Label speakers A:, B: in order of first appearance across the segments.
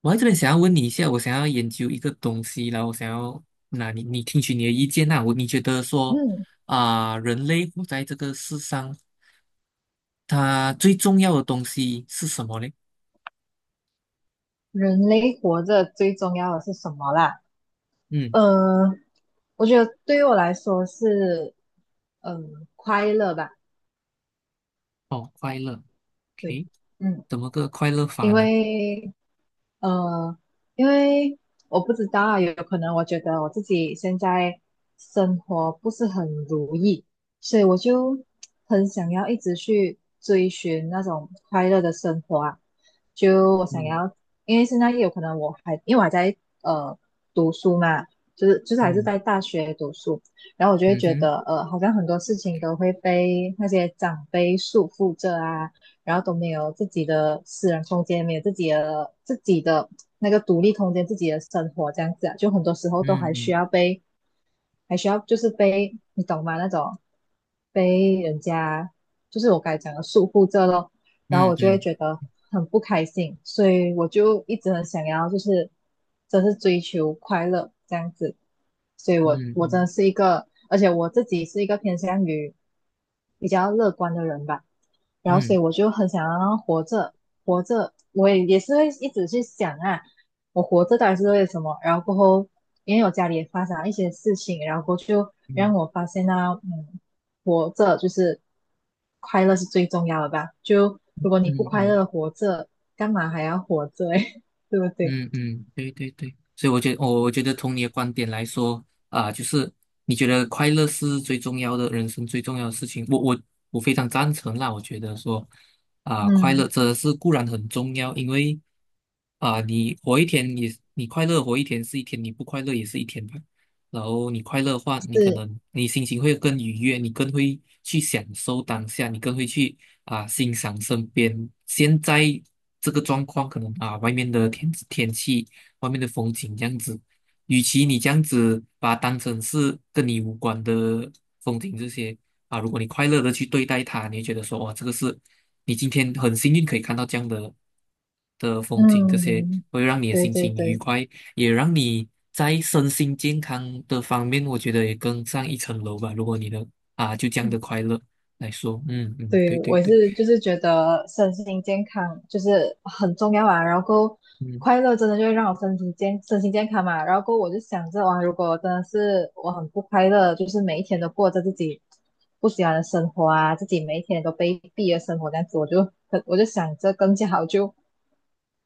A: 我在这边想要问你一下，我想要研究一个东西，然后我想要那听取你的意见。那你觉得说
B: 嗯，
A: 人类活在这个世上，它最重要的东西是什么嘞？
B: 人类活着最重要的是什么啦？
A: 嗯。
B: 呃，我觉得对于我来说是，嗯、快乐吧。
A: 哦，快乐
B: 对，
A: ，OK。
B: 嗯，
A: 怎么个快乐法
B: 因
A: 呢？
B: 为呃，因为我不知道啊，有可能我觉得我自己现在生活不是很如意，所以我就很想要一直去追寻那种快乐的生活啊。就我想
A: 嗯。
B: 要，因为现在也有可能我还因为我还在呃读书嘛，就是
A: 哦。
B: 还是
A: 嗯。
B: 在大学读书，然后我就会
A: 嗯
B: 觉
A: 哼。
B: 得好像很多事情都会被那些长辈束缚着啊，然后都没有自己的私人空间，没有自己的那个独立空间，自己的生活这样子啊，就很多时候都还需
A: 嗯
B: 要被还需要就是被你懂吗？那种被人家就是我刚才讲的束缚着咯，然后
A: 嗯
B: 我就会
A: 嗯
B: 觉得很不开心，所以我就一直很想要就是真是追求快乐这样子，所以
A: 嗯
B: 我真
A: 嗯
B: 的是一个，而且我自己是一个偏向于比较乐观的人吧，然后
A: 嗯嗯
B: 所以我
A: 嗯
B: 就很想要活着，我也是会一直去想啊。我活着到底是为了什么？然后过后，因为我家里也发生了一些事情，然后过后就让
A: 嗯
B: 我发现啊，嗯，活着就是快乐是最重要的吧？就
A: 嗯
B: 如果你不
A: 嗯
B: 快乐地
A: 嗯
B: 活着，干嘛还要活着？诶，对不对？
A: 嗯嗯，对对对。所以我觉得，我觉得从你的观点来说啊，就是你觉得快乐是最重要的，人生最重要的事情。我非常赞成啦。我觉得说快
B: 嗯，
A: 乐真的是固然很重要。因为你活一天，你快乐活一天是一天，你不快乐也是一天吧。然后你快乐的话，你可
B: 是，
A: 能你心情会更愉悦，你更会去享受当下，你更会去欣赏身边现在这个状况。可能啊，外面的天气、外面的风景这样子。与其你这样子把它当成是跟你无关的风景这些如果你快乐的去对待它，你会觉得说哇，这个是你今天很幸运可以看到这样的风景。这些
B: 嗯，
A: 会让你的
B: 对
A: 心
B: 对
A: 情愉
B: 对。
A: 快。也让你在身心健康的方面，我觉得也更上一层楼吧。如果你的就这样的快乐来说。嗯嗯，
B: 对，
A: 对对
B: 我也
A: 对。
B: 是，就是觉得身心健康就是很重要啊。然后
A: 嗯
B: 快乐真的就会让我身体健、身心健康嘛。然后我就想着，哇，如果真的是我很不快乐，就是每一天都过着自己不喜欢的生活啊，自己每一天都卑鄙的生活这样子，我就很，我就想着更加好就，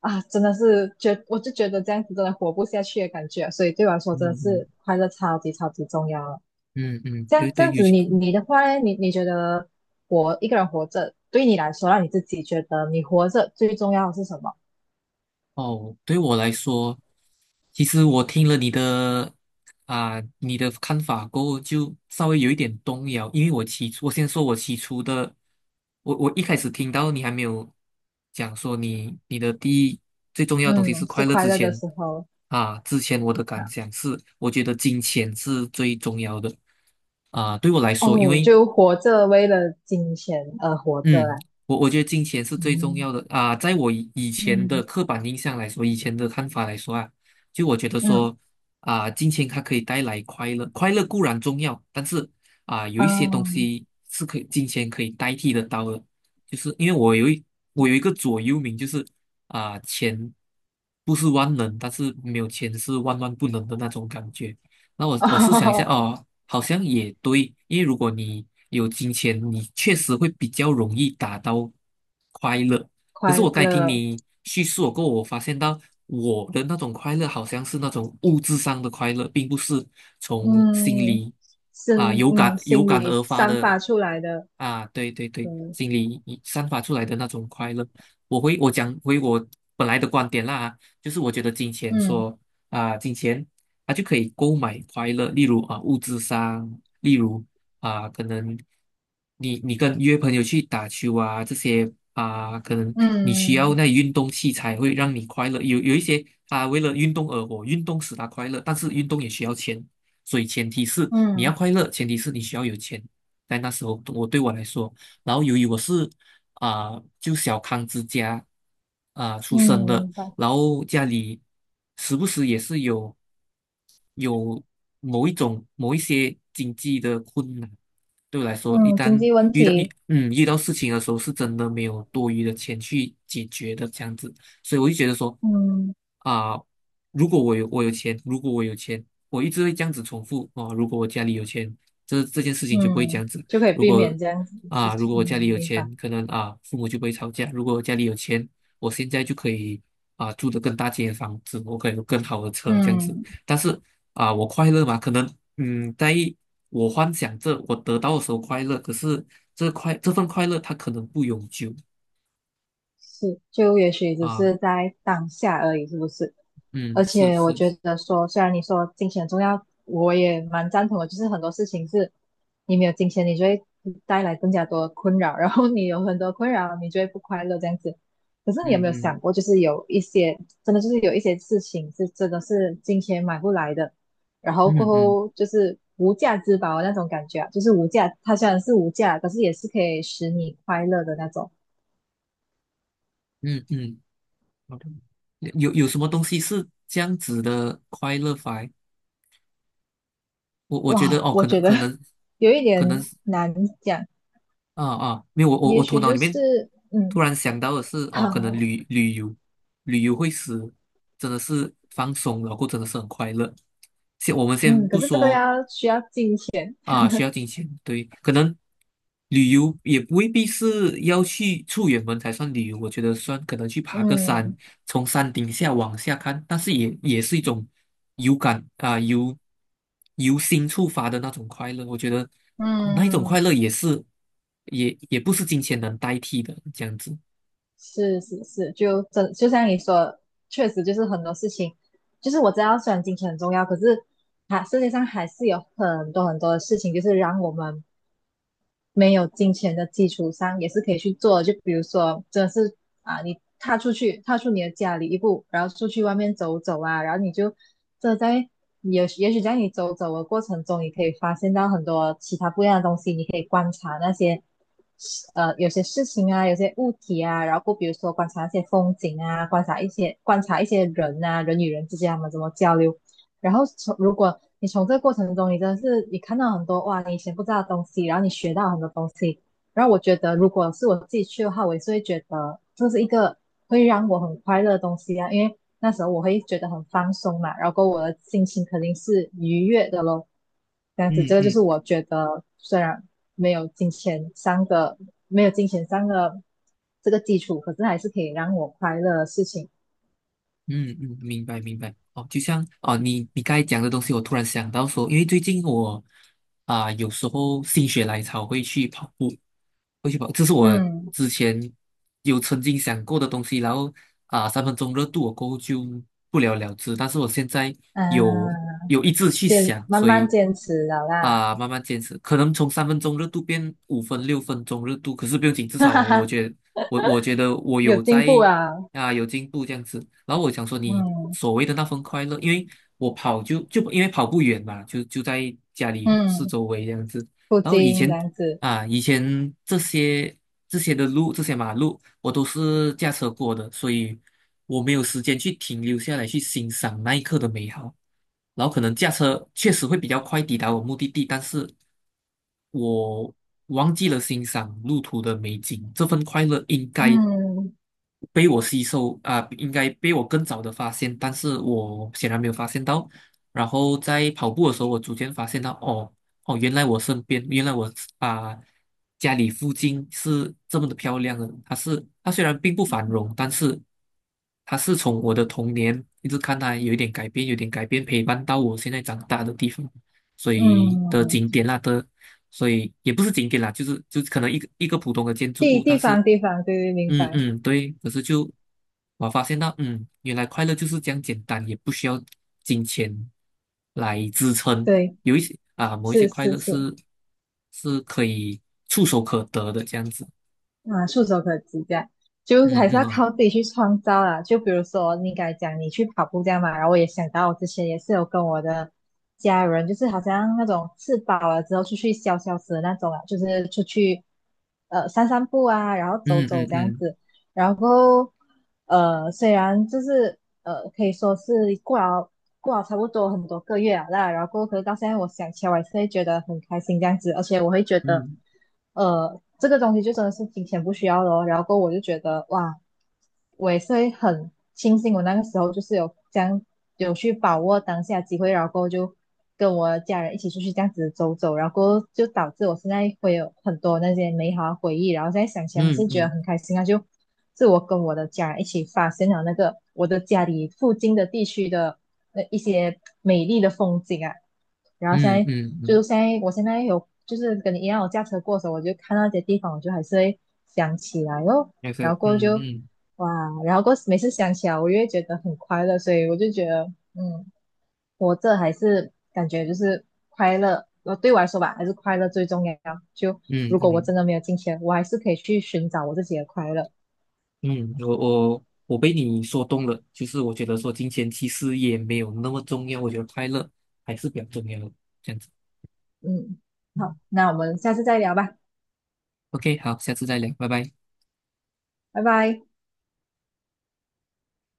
B: 啊，真的是觉，我就觉得这样子真的活不下去的感觉啊。所以对我来说，真的
A: 嗯
B: 是快乐超级超级重要啊。
A: 嗯嗯嗯。
B: 这样
A: 对
B: 这
A: 对，
B: 样
A: 尤
B: 子
A: 其
B: 你，你的话呢？你你觉得活一个人活着，对你来说，让你自己觉得你活着最重要的是什么？
A: 哦。对我来说，其实我听了你的你的看法过后，就稍微有一点动摇。因为我起初，我先说我起初的，我一开始听到你还没有讲说你的第一最重要的东西是
B: 嗯，
A: 快
B: 是
A: 乐
B: 快
A: 之
B: 乐的
A: 前
B: 时候
A: 之前我的
B: 啊。
A: 感想是，我觉得金钱是最重要的对我来说。因
B: 哦，
A: 为
B: 就活着为了金钱而活着
A: 嗯，
B: 啦。
A: 我觉得金钱是最重
B: 嗯
A: 要的啊。在我以前的
B: 嗯
A: 刻板印象来说，以前的看法来说啊，就我觉得
B: 嗯
A: 说金钱它可以带来快乐。快乐固然重要，但是有一些东
B: 嗯，
A: 西是可以金钱可以代替得到的。就是因为我有一个座右铭，就是钱不是万能，但是没有钱是万万不能的那种感觉。那我试想一下
B: 哦，
A: 哦，好像也对。因为如果你有金钱，你确实会比较容易达到快乐。可是
B: 快
A: 我刚才听
B: 乐，
A: 你叙述过后我发现到我的那种快乐好像是那种物质上的快乐，并不是从心
B: 嗯，
A: 里有感有
B: 心
A: 感
B: 里
A: 而发
B: 散
A: 的
B: 发出来的，
A: 啊。对对对，
B: 嗯
A: 心里散发出来的那种快乐。我回我讲回我本来的观点啦，就是我觉得金钱
B: 嗯
A: 说。啊，金钱他就可以购买快乐。例如啊物质上，例如啊可能你跟约朋友去打球啊这些啊。可能你需要
B: 嗯
A: 那运动器材会让你快乐。有一些他为了运动而活，运动使他快乐。但是运动也需要钱，所以前提是你要
B: 嗯
A: 快乐，前提是你需要有钱。在那时候，我来说，然后由于我是啊、就小康之家出生
B: 嗯，
A: 的。
B: 明白。
A: 然后家里时不时也是有某一些经济的困难。对我来说，一
B: 嗯，经
A: 旦
B: 济问题，
A: 遇到事情的时候，是真的没有多余的钱去解决的这样子。所以我就觉得说
B: 嗯。
A: 啊、如果我有钱。如果我有钱，我一直会这样子重复哦，如果我家里有钱，这件事情就不会这
B: 嗯，
A: 样子。
B: 就可以
A: 如
B: 避
A: 果。
B: 免这样子的事
A: 啊，如
B: 情。
A: 果我家里
B: 嗯，
A: 有
B: 明白。
A: 钱，可能啊，父母就不会吵架；如果我家里有钱，我现在就可以住的更大间的房子。我可以有更好的车这样子。
B: 嗯，
A: 但是我快乐嘛，可能嗯，在我幻想着我得到的时候快乐。可是这份快乐它可能不永久
B: 是，就也许只
A: 啊。
B: 是在当下而已，是不是？
A: 嗯，
B: 而且我觉
A: 是。
B: 得说，虽然你说金钱很重要，我也蛮赞同的。就是很多事情是，你没有金钱，你就会带来更加多的困扰，然后你有很多困扰，你就会不快乐这样子。可是你有没
A: 嗯
B: 有想
A: 嗯
B: 过，就是有一些真的就是有一些事情是真的是金钱买不来的，然后过
A: 嗯嗯
B: 后就是无价之宝那种感觉啊，就是无价，它虽然是无价，可是也是可以使你快乐的那种。
A: 嗯嗯。好的，有什么东西是这样子的快乐法？我觉得
B: 哇，
A: 哦，
B: 我
A: 可能
B: 觉得
A: 可 能
B: 有一点
A: 可能是。
B: 难讲，
A: 没有，我我
B: 也
A: 我头
B: 许
A: 脑
B: 就
A: 里面
B: 是
A: 突
B: 嗯
A: 然想到的是，哦，可能
B: 好，
A: 旅游。旅游会使真的是放松，然后真的是很快乐。先我们先
B: 嗯，可
A: 不
B: 是这个
A: 说
B: 要需要金钱，
A: 啊。需要金钱，对。可能旅游也未必是要去出远门才算旅游。我觉得算可能去爬个山，
B: 嗯
A: 从山顶下往下看。但是也是一种有感啊，由心触发的那种快乐。我觉得哦那一种
B: 嗯，
A: 快乐也是也不是金钱能代替的，这样子。
B: 是是是，就真就像你说，确实就是很多事情，就是我知道虽然金钱很重要，可是还世界上还是有很多很多的事情，就是让我们没有金钱的基础上，也是可以去做的。就比如说，真的是啊，你踏出去，踏出你的家里一步，然后出去外面走走啊，然后你就这在也也许在你走走的过程中，你可以发现到很多其他不一样的东西，你可以观察那些有些事情啊，有些物体啊，然后比如说观察一些风景啊，观察一些人啊，人与人之间他们怎么交流，然后从如果你从这个过程中，你真的是你看到很多哇，你以前不知道的东西，然后你学到很多东西。然后我觉得，如果是我自己去的话，我也是会觉得这是一个会让我很快乐的东西啊，因为那时候我会觉得很放松嘛，然后我的心情肯定是愉悦的咯。这样子，这
A: 嗯
B: 个就是
A: 嗯。
B: 我觉得虽然没有金钱上的没有金钱上的这个基础，可是还是可以让我快乐的事情。
A: 嗯嗯，明白明白。哦，就像哦，你刚才讲的东西，我突然想到说，因为最近我有时候心血来潮会去跑步。会去跑，这是我
B: 嗯。
A: 之前有曾经想过的东西。然后三分钟热度我过后就不了了之。但是我现在有
B: 嗯，
A: 有一直去想。
B: 慢
A: 所
B: 慢
A: 以
B: 坚持了啦，
A: 慢慢坚持。可能从三分钟热度变五分、六分钟热度，可是不用紧，至
B: 哈
A: 少
B: 哈
A: 我
B: 哈，
A: 觉得我觉得我
B: 有
A: 有
B: 进
A: 在
B: 步啊，
A: 有进步这样子。然后我想说，你
B: 嗯
A: 所谓的那份快乐。因为我跑就因为跑不远嘛，就在家里四
B: 嗯，
A: 周围这样子。
B: 不
A: 然后以
B: 精这
A: 前
B: 样子，
A: 以前这些的路、这些马路，我都是驾车过的。所以我没有时间去停留下来去欣赏那一刻的美好。然后可能驾车确实会比较快抵达我目的地，但是我忘记了欣赏路途的美景。这份快乐应该
B: 嗯
A: 被我吸收应该被我更早的发现，但是我显然没有发现到。然后在跑步的时候，我逐渐发现到。哦哦，原来我身边，原来我啊、家里附近是这么的漂亮的。它是它虽然并不繁荣，但是它是从我的童年一直看它有一点改变，有点改变，陪伴到我现在长大的地方。所以的
B: 嗯，
A: 景点啦的。所以也不是景点啦，就可能一个普通的建筑物，但
B: 地
A: 是
B: 方，对对，明
A: 嗯
B: 白，
A: 嗯，对。可是就我发现到，嗯，原来快乐就是这样简单，也不需要金钱来支撑。
B: 对，
A: 有一些啊，某一些
B: 是
A: 快
B: 是
A: 乐
B: 是。
A: 是是可以触手可得的这样子。
B: 啊，触手可及这样，就
A: 嗯
B: 还是
A: 嗯
B: 要
A: 啊。
B: 靠自己去创造啦。就比如说你刚才讲你去跑步这样嘛，然后我也想到我之前也是有跟我的家人，就是好像那种吃饱了之后出去消消食的那种啊，就是出去散散步啊，然后走
A: 嗯
B: 走
A: 嗯
B: 这样
A: 嗯
B: 子。然后虽然就是可以说是过了过了差不多很多个月了啦，然后可是到现在我想起来，我还是会觉得很开心这样子，而且我会觉得
A: 嗯
B: 这个东西就真的是金钱不需要了。然后我就觉得哇，我也是会很庆幸我那个时候就是有有去把握当下机会，然后过后就跟我家人一起出去这样子走走，然后过后就导致我现在会有很多那些美好的回忆，然后现在想起来还
A: 嗯
B: 是觉得
A: 嗯
B: 很开心啊，就。是我跟我的家人一起发现了那个我的家里附近的地区的那一些美丽的风景啊。然后现
A: 嗯
B: 在，
A: 嗯嗯。
B: 我现在有就是跟你一样，我驾车过的时候，我就看到一些地方，我就还是会想起来哦。
A: 那个
B: 然后过
A: 嗯。
B: 后就
A: 嗯
B: 哇，然后过每次想起来，我越觉得很快乐，所以我就觉得，嗯，活着还是感觉就是快乐。呃，对我来说吧，还是快乐最重要。就
A: 嗯
B: 如果我
A: 嗯
B: 真的没有金钱，我还是可以去寻找我自己的快乐。
A: 嗯我被你说动了，就是我觉得说金钱其实也没有那么重要。我觉得快乐还是比较重要的这样子。
B: 嗯，好，那我们下次再聊吧，
A: OK，好，下次再聊，拜拜。
B: 拜拜。